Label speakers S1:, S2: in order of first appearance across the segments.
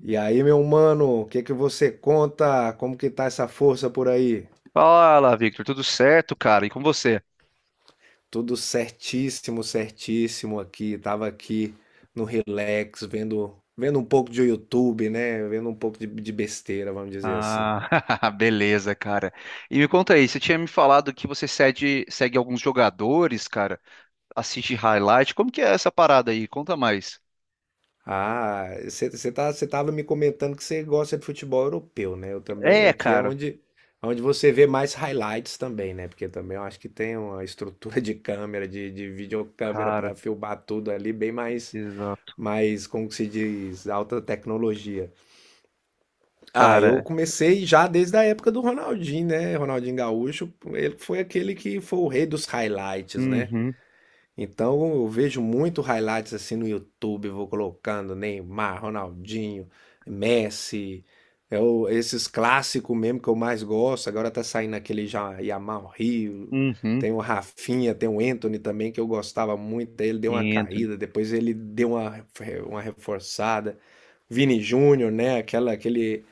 S1: E aí, meu mano, o que que você conta? Como que tá essa força por aí?
S2: Fala, Victor, tudo certo, cara? E com você?
S1: Tudo certíssimo, certíssimo aqui. Tava aqui no relax, vendo um pouco de YouTube, né? Vendo um pouco de besteira, vamos dizer assim.
S2: Ah, beleza, cara. E me conta aí, você tinha me falado que você segue, alguns jogadores, cara, assiste highlight. Como que é essa parada aí? Conta mais.
S1: Ah, você tava me comentando que você gosta de futebol europeu, né? Eu também,
S2: É,
S1: aqui é
S2: cara.
S1: onde você vê mais highlights também, né? Porque também eu acho que tem uma estrutura de câmera, de videocâmera
S2: Cara,
S1: para filmar tudo ali bem mais
S2: exato.
S1: mais, como que se diz, alta tecnologia. Ah, eu
S2: Cara,
S1: comecei já desde a época do Ronaldinho, né? Ronaldinho Gaúcho, ele foi aquele que foi o rei dos highlights, né?
S2: uhum,
S1: Então eu vejo muito highlights assim no YouTube, vou colocando Neymar, Ronaldinho, Messi, esses clássicos mesmo que eu mais gosto. Agora tá saindo aquele já Yamal Rio,
S2: uhum,
S1: tem o Rafinha, tem o Anthony também que eu gostava muito. Ele deu uma
S2: Anthony.
S1: caída, depois ele deu uma reforçada. Vini Júnior, né?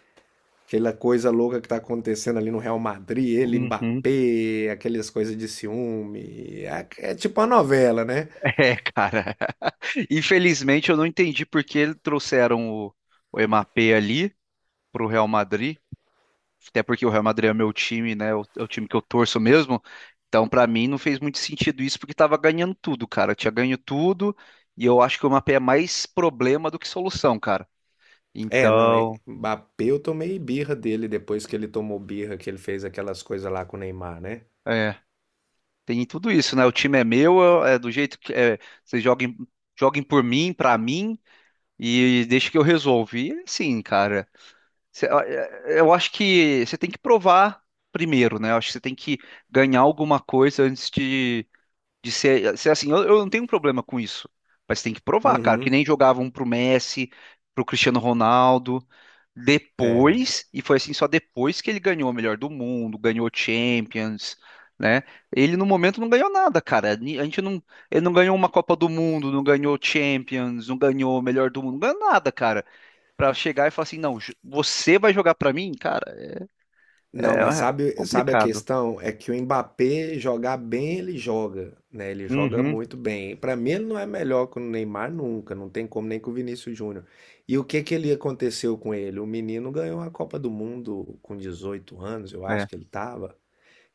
S1: Aquela coisa louca que tá acontecendo ali no Real Madrid, ele,
S2: Uhum.
S1: Mbappé, aquelas coisas de ciúme. É tipo uma novela, né?
S2: É, cara. Infelizmente eu não entendi por que eles trouxeram o Mbappé ali pro Real Madrid. Até porque o Real Madrid é meu time, né? É o time que eu torço mesmo. Então, pra mim, não fez muito sentido isso, porque tava ganhando tudo, cara. Tinha ganho tudo, e eu acho que o mapa é mais problema do que solução, cara.
S1: É, não,
S2: Então,
S1: Mbappé eu tomei birra dele depois que ele tomou birra, que ele fez aquelas coisas lá com o Neymar, né?
S2: é, tem tudo isso, né? O time é meu, é do jeito que é, vocês joguem, joguem por mim, pra mim, e deixa que eu resolvo. E assim, cara, eu acho que você tem que provar primeiro, né? Eu acho que você tem que ganhar alguma coisa antes de. De ser, ser assim, eu não tenho um problema com isso. Mas tem que provar, cara, que
S1: Uhum.
S2: nem jogavam pro Messi, pro Cristiano Ronaldo. Depois, e foi assim só depois que ele ganhou o melhor do mundo, ganhou Champions, né? Ele no momento não ganhou nada, cara. A gente não, ele não ganhou uma Copa do Mundo, não ganhou Champions, não ganhou o melhor do mundo, não ganhou nada, cara. Pra chegar e falar assim, não, você vai jogar pra mim, cara,
S1: Não, mas
S2: é
S1: sabe a
S2: complicado.
S1: questão? É que o Mbappé jogar bem, ele joga, né? Ele joga
S2: Uhum,
S1: muito bem. Pra mim, ele não é melhor que o Neymar nunca, não tem como nem com o Vinícius Júnior. E o que que ele aconteceu com ele? O menino ganhou a Copa do Mundo com 18 anos, eu acho
S2: é.
S1: que ele tava.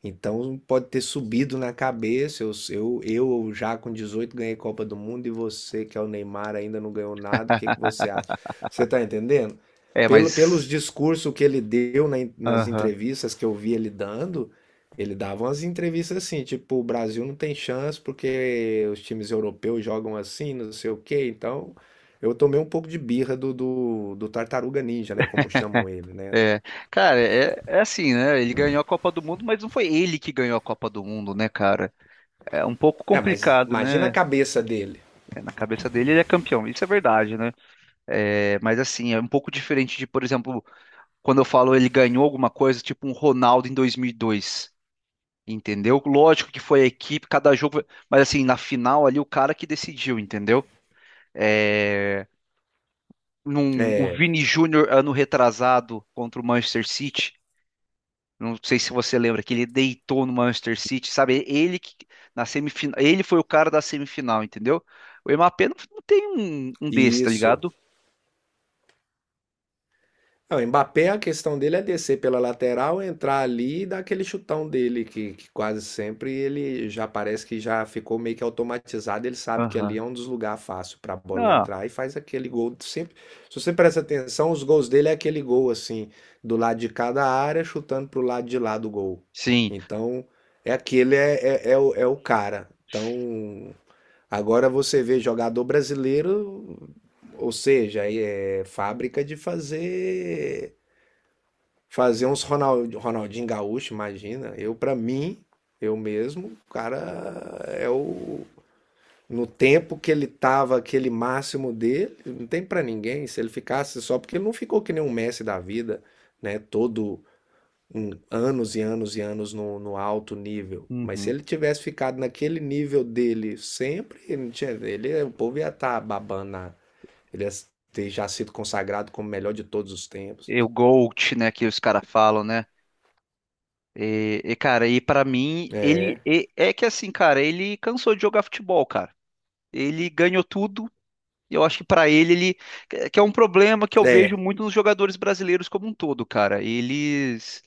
S1: Então pode ter subido na cabeça. Eu já com 18 ganhei Copa do Mundo e você, que é o Neymar, ainda não ganhou nada. O que que você acha? Você tá entendendo?
S2: É,
S1: Pelos
S2: mas.
S1: discursos que ele deu nas
S2: Aham.
S1: entrevistas que eu vi ele dando, ele dava umas entrevistas assim, tipo, o Brasil não tem chance porque os times europeus jogam assim, não sei o quê. Então eu tomei um pouco de birra do Tartaruga Ninja, né? Como chamam ele, né?
S2: É, cara, é, é assim, né? Ele ganhou a Copa do Mundo, mas não foi ele que ganhou a Copa do Mundo, né, cara? É um pouco
S1: É, mas
S2: complicado,
S1: imagina a
S2: né?
S1: cabeça dele.
S2: É, na cabeça dele, ele é campeão, isso é verdade, né? É, mas assim, é um pouco diferente de, por exemplo, quando eu falo ele ganhou alguma coisa, tipo um Ronaldo em 2002, entendeu? Lógico que foi a equipe, cada jogo, mas assim, na final ali, o cara que decidiu, entendeu? É, o
S1: É,
S2: Vini Júnior ano retrasado contra o Manchester City. Não sei se você lembra que ele deitou no Manchester City, sabe? Ele que na semifinal, ele foi o cara da semifinal, entendeu? O Mbappé não, não tem um desse, tá
S1: isso.
S2: ligado?
S1: Ah, o Mbappé, a questão dele é descer pela lateral, entrar ali e dar aquele chutão dele, que quase sempre ele já parece que já ficou meio que automatizado. Ele sabe que ali
S2: Aham.
S1: é um dos lugares fáceil para a bola
S2: Ah,
S1: entrar e faz aquele gol. Sempre, se você presta atenção, os gols dele é aquele gol assim, do lado de cada área, chutando pro lado de lá do gol.
S2: sim.
S1: Então, é aquele, é, é, é o, é o cara. Então, agora você vê jogador brasileiro, ou seja, é fábrica de fazer uns Ronaldinho Gaúcho, imagina. Eu, para mim, eu mesmo, o cara é o no tempo que ele tava aquele máximo dele, não tem pra ninguém. Se ele ficasse só porque ele não ficou que nem um Messi da vida, né? Todo anos e anos e anos no alto nível. Mas se
S2: Uhum.
S1: ele tivesse ficado naquele nível dele sempre, ele não tinha- ele- o povo ia estar babando. Ele ia ter já sido consagrado como o melhor de todos os tempos.
S2: E o GOAT, né, que os caras falam, né? E, cara, e pra mim,
S1: É,
S2: é que assim, cara, ele cansou de jogar futebol, cara. Ele ganhou tudo. E eu acho que pra ele, ele que é um problema que eu vejo
S1: é,
S2: muito nos jogadores brasileiros como um todo, cara. Eles.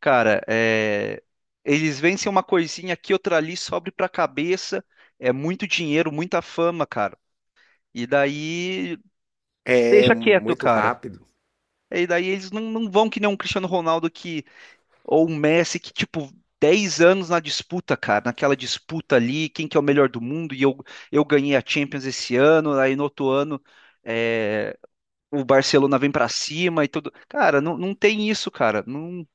S2: Cara, é, eles vencem uma coisinha aqui, outra ali, sobe pra cabeça. É muito dinheiro, muita fama, cara. E daí
S1: é,
S2: deixa quieto,
S1: muito
S2: cara.
S1: rápido.
S2: E daí eles não, não vão que nem um Cristiano Ronaldo que, ou um Messi que, tipo, 10 anos na disputa, cara, naquela disputa ali, quem que é o melhor do mundo, eu ganhei a Champions esse ano, aí no outro ano é, o Barcelona vem pra cima e tudo. Cara, não, não tem isso, cara. Não,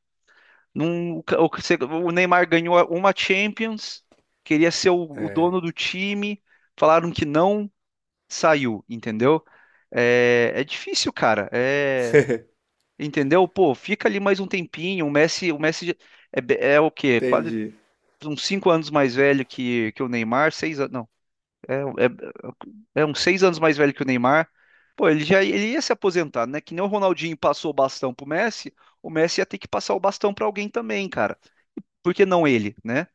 S2: O, o que o Neymar ganhou uma Champions, queria ser o
S1: É,
S2: dono do time, falaram que não, saiu, entendeu? É, é difícil, cara. É, entendeu? Pô, fica ali mais um tempinho. O Messi é, é o quê? Quase
S1: entendi.
S2: uns 5 anos mais velho que o Neymar, 6 anos, não, é, é uns 6 anos mais velho que o Neymar. Pô, ele ia se aposentar, né? Que nem o Ronaldinho passou o bastão pro Messi, o Messi ia ter que passar o bastão pra alguém também, cara. Por que não ele, né?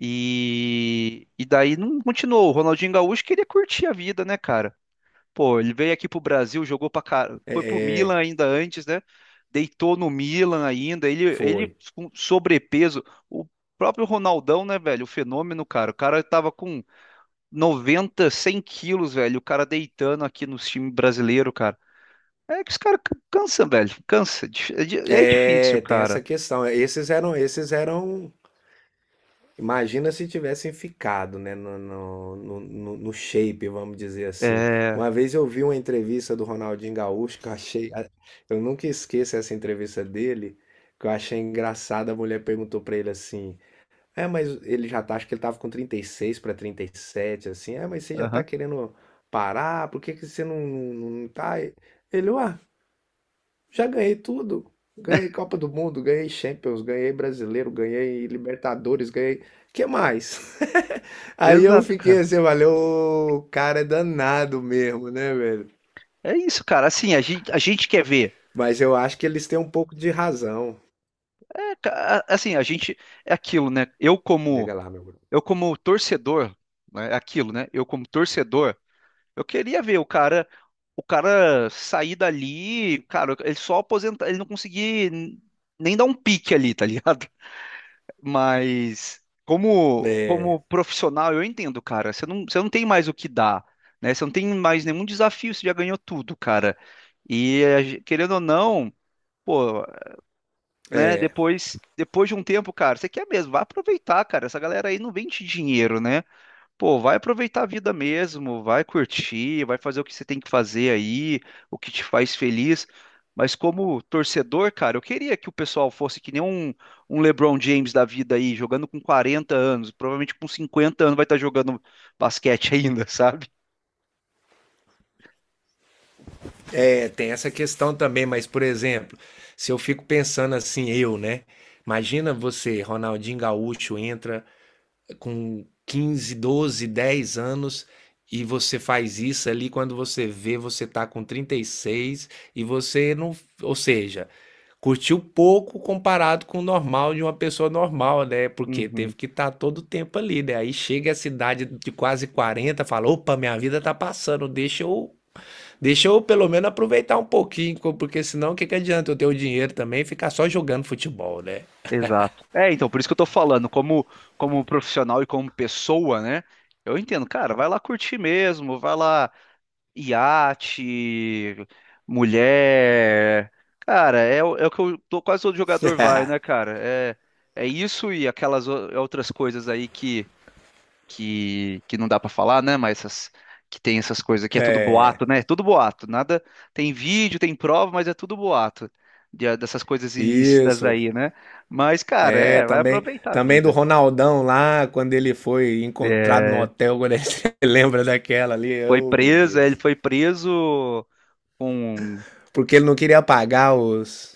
S2: E daí não continuou. O Ronaldinho Gaúcho queria curtir a vida, né, cara? Pô, ele veio aqui pro Brasil, jogou pra cara,
S1: É,
S2: foi pro Milan
S1: é,
S2: ainda antes, né? Deitou no Milan ainda. Ele
S1: foi.
S2: com sobrepeso. O próprio Ronaldão, né, velho? O fenômeno, cara. O cara tava com 90, 100 quilos, velho. O cara deitando aqui no time brasileiro, cara. É que os caras cansam, velho. Cansa. É difícil,
S1: É, tem essa
S2: cara.
S1: questão. Esses eram. Imagina se tivessem ficado, né, no shape, vamos dizer assim.
S2: É.
S1: Uma vez eu vi uma entrevista do Ronaldinho Gaúcho que eu achei. Eu nunca esqueço essa entrevista dele, que eu achei engraçada. A mulher perguntou pra ele assim: é, mas ele já tá, acho que ele tava com 36 para sete, assim. É, mas você já tá
S2: Aham.
S1: querendo parar? Por que que você não tá? Ele, ué, já ganhei tudo. Ganhei Copa do Mundo, ganhei Champions, ganhei Brasileiro, ganhei Libertadores, ganhei. Que mais? Aí eu
S2: Exato,
S1: fiquei
S2: cara.
S1: assim, valeu, o cara é danado mesmo, né, velho?
S2: É isso, cara. Assim, a gente quer ver.
S1: Mas eu acho que eles têm um pouco de razão.
S2: É, assim, a gente é aquilo, né?
S1: Diga lá, meu Bruno.
S2: Eu como torcedor, né? É aquilo, né? Eu como torcedor, eu queria ver o cara sair dali, cara, ele só aposentar, ele não conseguir nem dar um pique ali, tá ligado? Mas
S1: É,
S2: como profissional, eu entendo, cara. Você não tem mais o que dar, né? Você não tem mais nenhum desafio, você já ganhou tudo, cara. E a querendo ou não, pô, né?
S1: é,
S2: Depois de um tempo, cara, você quer mesmo, vai aproveitar, cara. Essa galera aí não vende dinheiro, né? Pô, vai aproveitar a vida mesmo, vai curtir, vai fazer o que você tem que fazer aí, o que te faz feliz. Mas como torcedor, cara, eu queria que o pessoal fosse que nem um LeBron James da vida aí, jogando com 40 anos, provavelmente com 50 anos vai estar jogando basquete ainda, sabe?
S1: é, tem essa questão também, mas por exemplo, se eu fico pensando assim, eu, né? Imagina você, Ronaldinho Gaúcho, entra com 15, 12, 10 anos e você faz isso ali quando você vê, você tá com 36 e você não, ou seja, curtiu pouco comparado com o normal de uma pessoa normal, né? Porque
S2: Uhum.
S1: teve que estar todo o tempo ali, né? Aí chega a cidade de quase 40 fala: opa, minha vida tá passando, deixa eu pelo menos aproveitar um pouquinho, porque senão o que que adianta eu ter o dinheiro também e ficar só jogando futebol, né?
S2: Exato. É, então, por isso que eu tô falando, como profissional e como pessoa, né? Eu entendo, cara, vai lá curtir mesmo, vai lá, iate, mulher. Cara, é, é o que quase todo jogador vai, né, cara? É, é isso e aquelas outras coisas aí que não dá pra falar, né? Mas essas, que tem essas coisas que é tudo boato, né? É tudo boato, nada. Tem vídeo, tem prova, mas é tudo boato ah, dessas coisas ilícitas
S1: Isso.
S2: aí, né? Mas, cara,
S1: É,
S2: é, vai
S1: também,
S2: aproveitar a
S1: também do
S2: vida.
S1: Ronaldão lá, quando ele foi encontrado no
S2: É,
S1: hotel, quando ele lembra daquela ali,
S2: foi
S1: oh meu
S2: preso, é, ele
S1: Deus.
S2: foi preso com
S1: Porque ele não queria pagar os,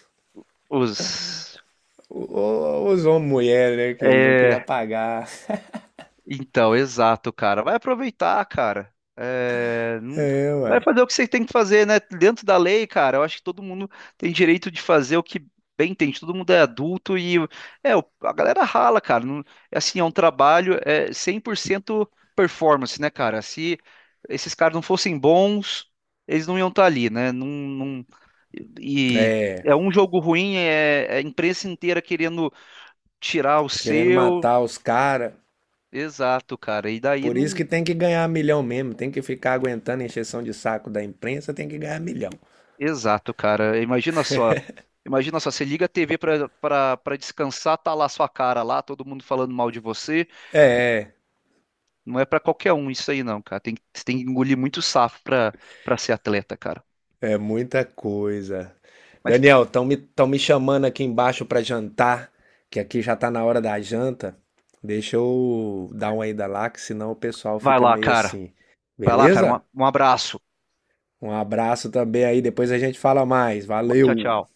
S2: os.
S1: o- o- Usou uma mulher, né? Que ele não queria
S2: É,
S1: pagar.
S2: então, exato, cara. Vai aproveitar, cara. É, não.
S1: É,
S2: Vai
S1: ué.
S2: fazer o que você tem que fazer, né? Dentro da lei, cara, eu acho que todo mundo tem direito de fazer o que bem entende. Todo mundo é adulto e é, a galera rala, cara. Não. É assim, é um trabalho, é 100% performance, né, cara? Se esses caras não fossem bons, eles não iam estar ali, né? Não, não. E
S1: É,
S2: é um jogo ruim, é a imprensa inteira querendo tirar o
S1: querendo
S2: seu.
S1: matar os caras.
S2: Exato, cara. E daí
S1: Por isso
S2: não.
S1: que tem que ganhar milhão mesmo. Tem que ficar aguentando a encheção de saco da imprensa, tem que ganhar milhão.
S2: Exato, cara. Imagina só. Imagina só, você liga a TV pra pra descansar, tá lá sua cara lá, todo mundo falando mal de você.
S1: É,
S2: Não é pra qualquer um isso aí, não, cara. Tem, você tem que engolir muito safo pra para ser atleta, cara.
S1: é muita coisa.
S2: Mas
S1: Daniel, tão me chamando aqui embaixo para jantar, que aqui já tá na hora da janta. Deixa eu dar uma ida lá, que senão o pessoal
S2: vai
S1: fica
S2: lá,
S1: meio
S2: cara.
S1: assim.
S2: Vai lá, cara.
S1: Beleza?
S2: Um abraço.
S1: Um abraço também aí, depois a gente fala mais.
S2: Tchau,
S1: Valeu!
S2: tchau.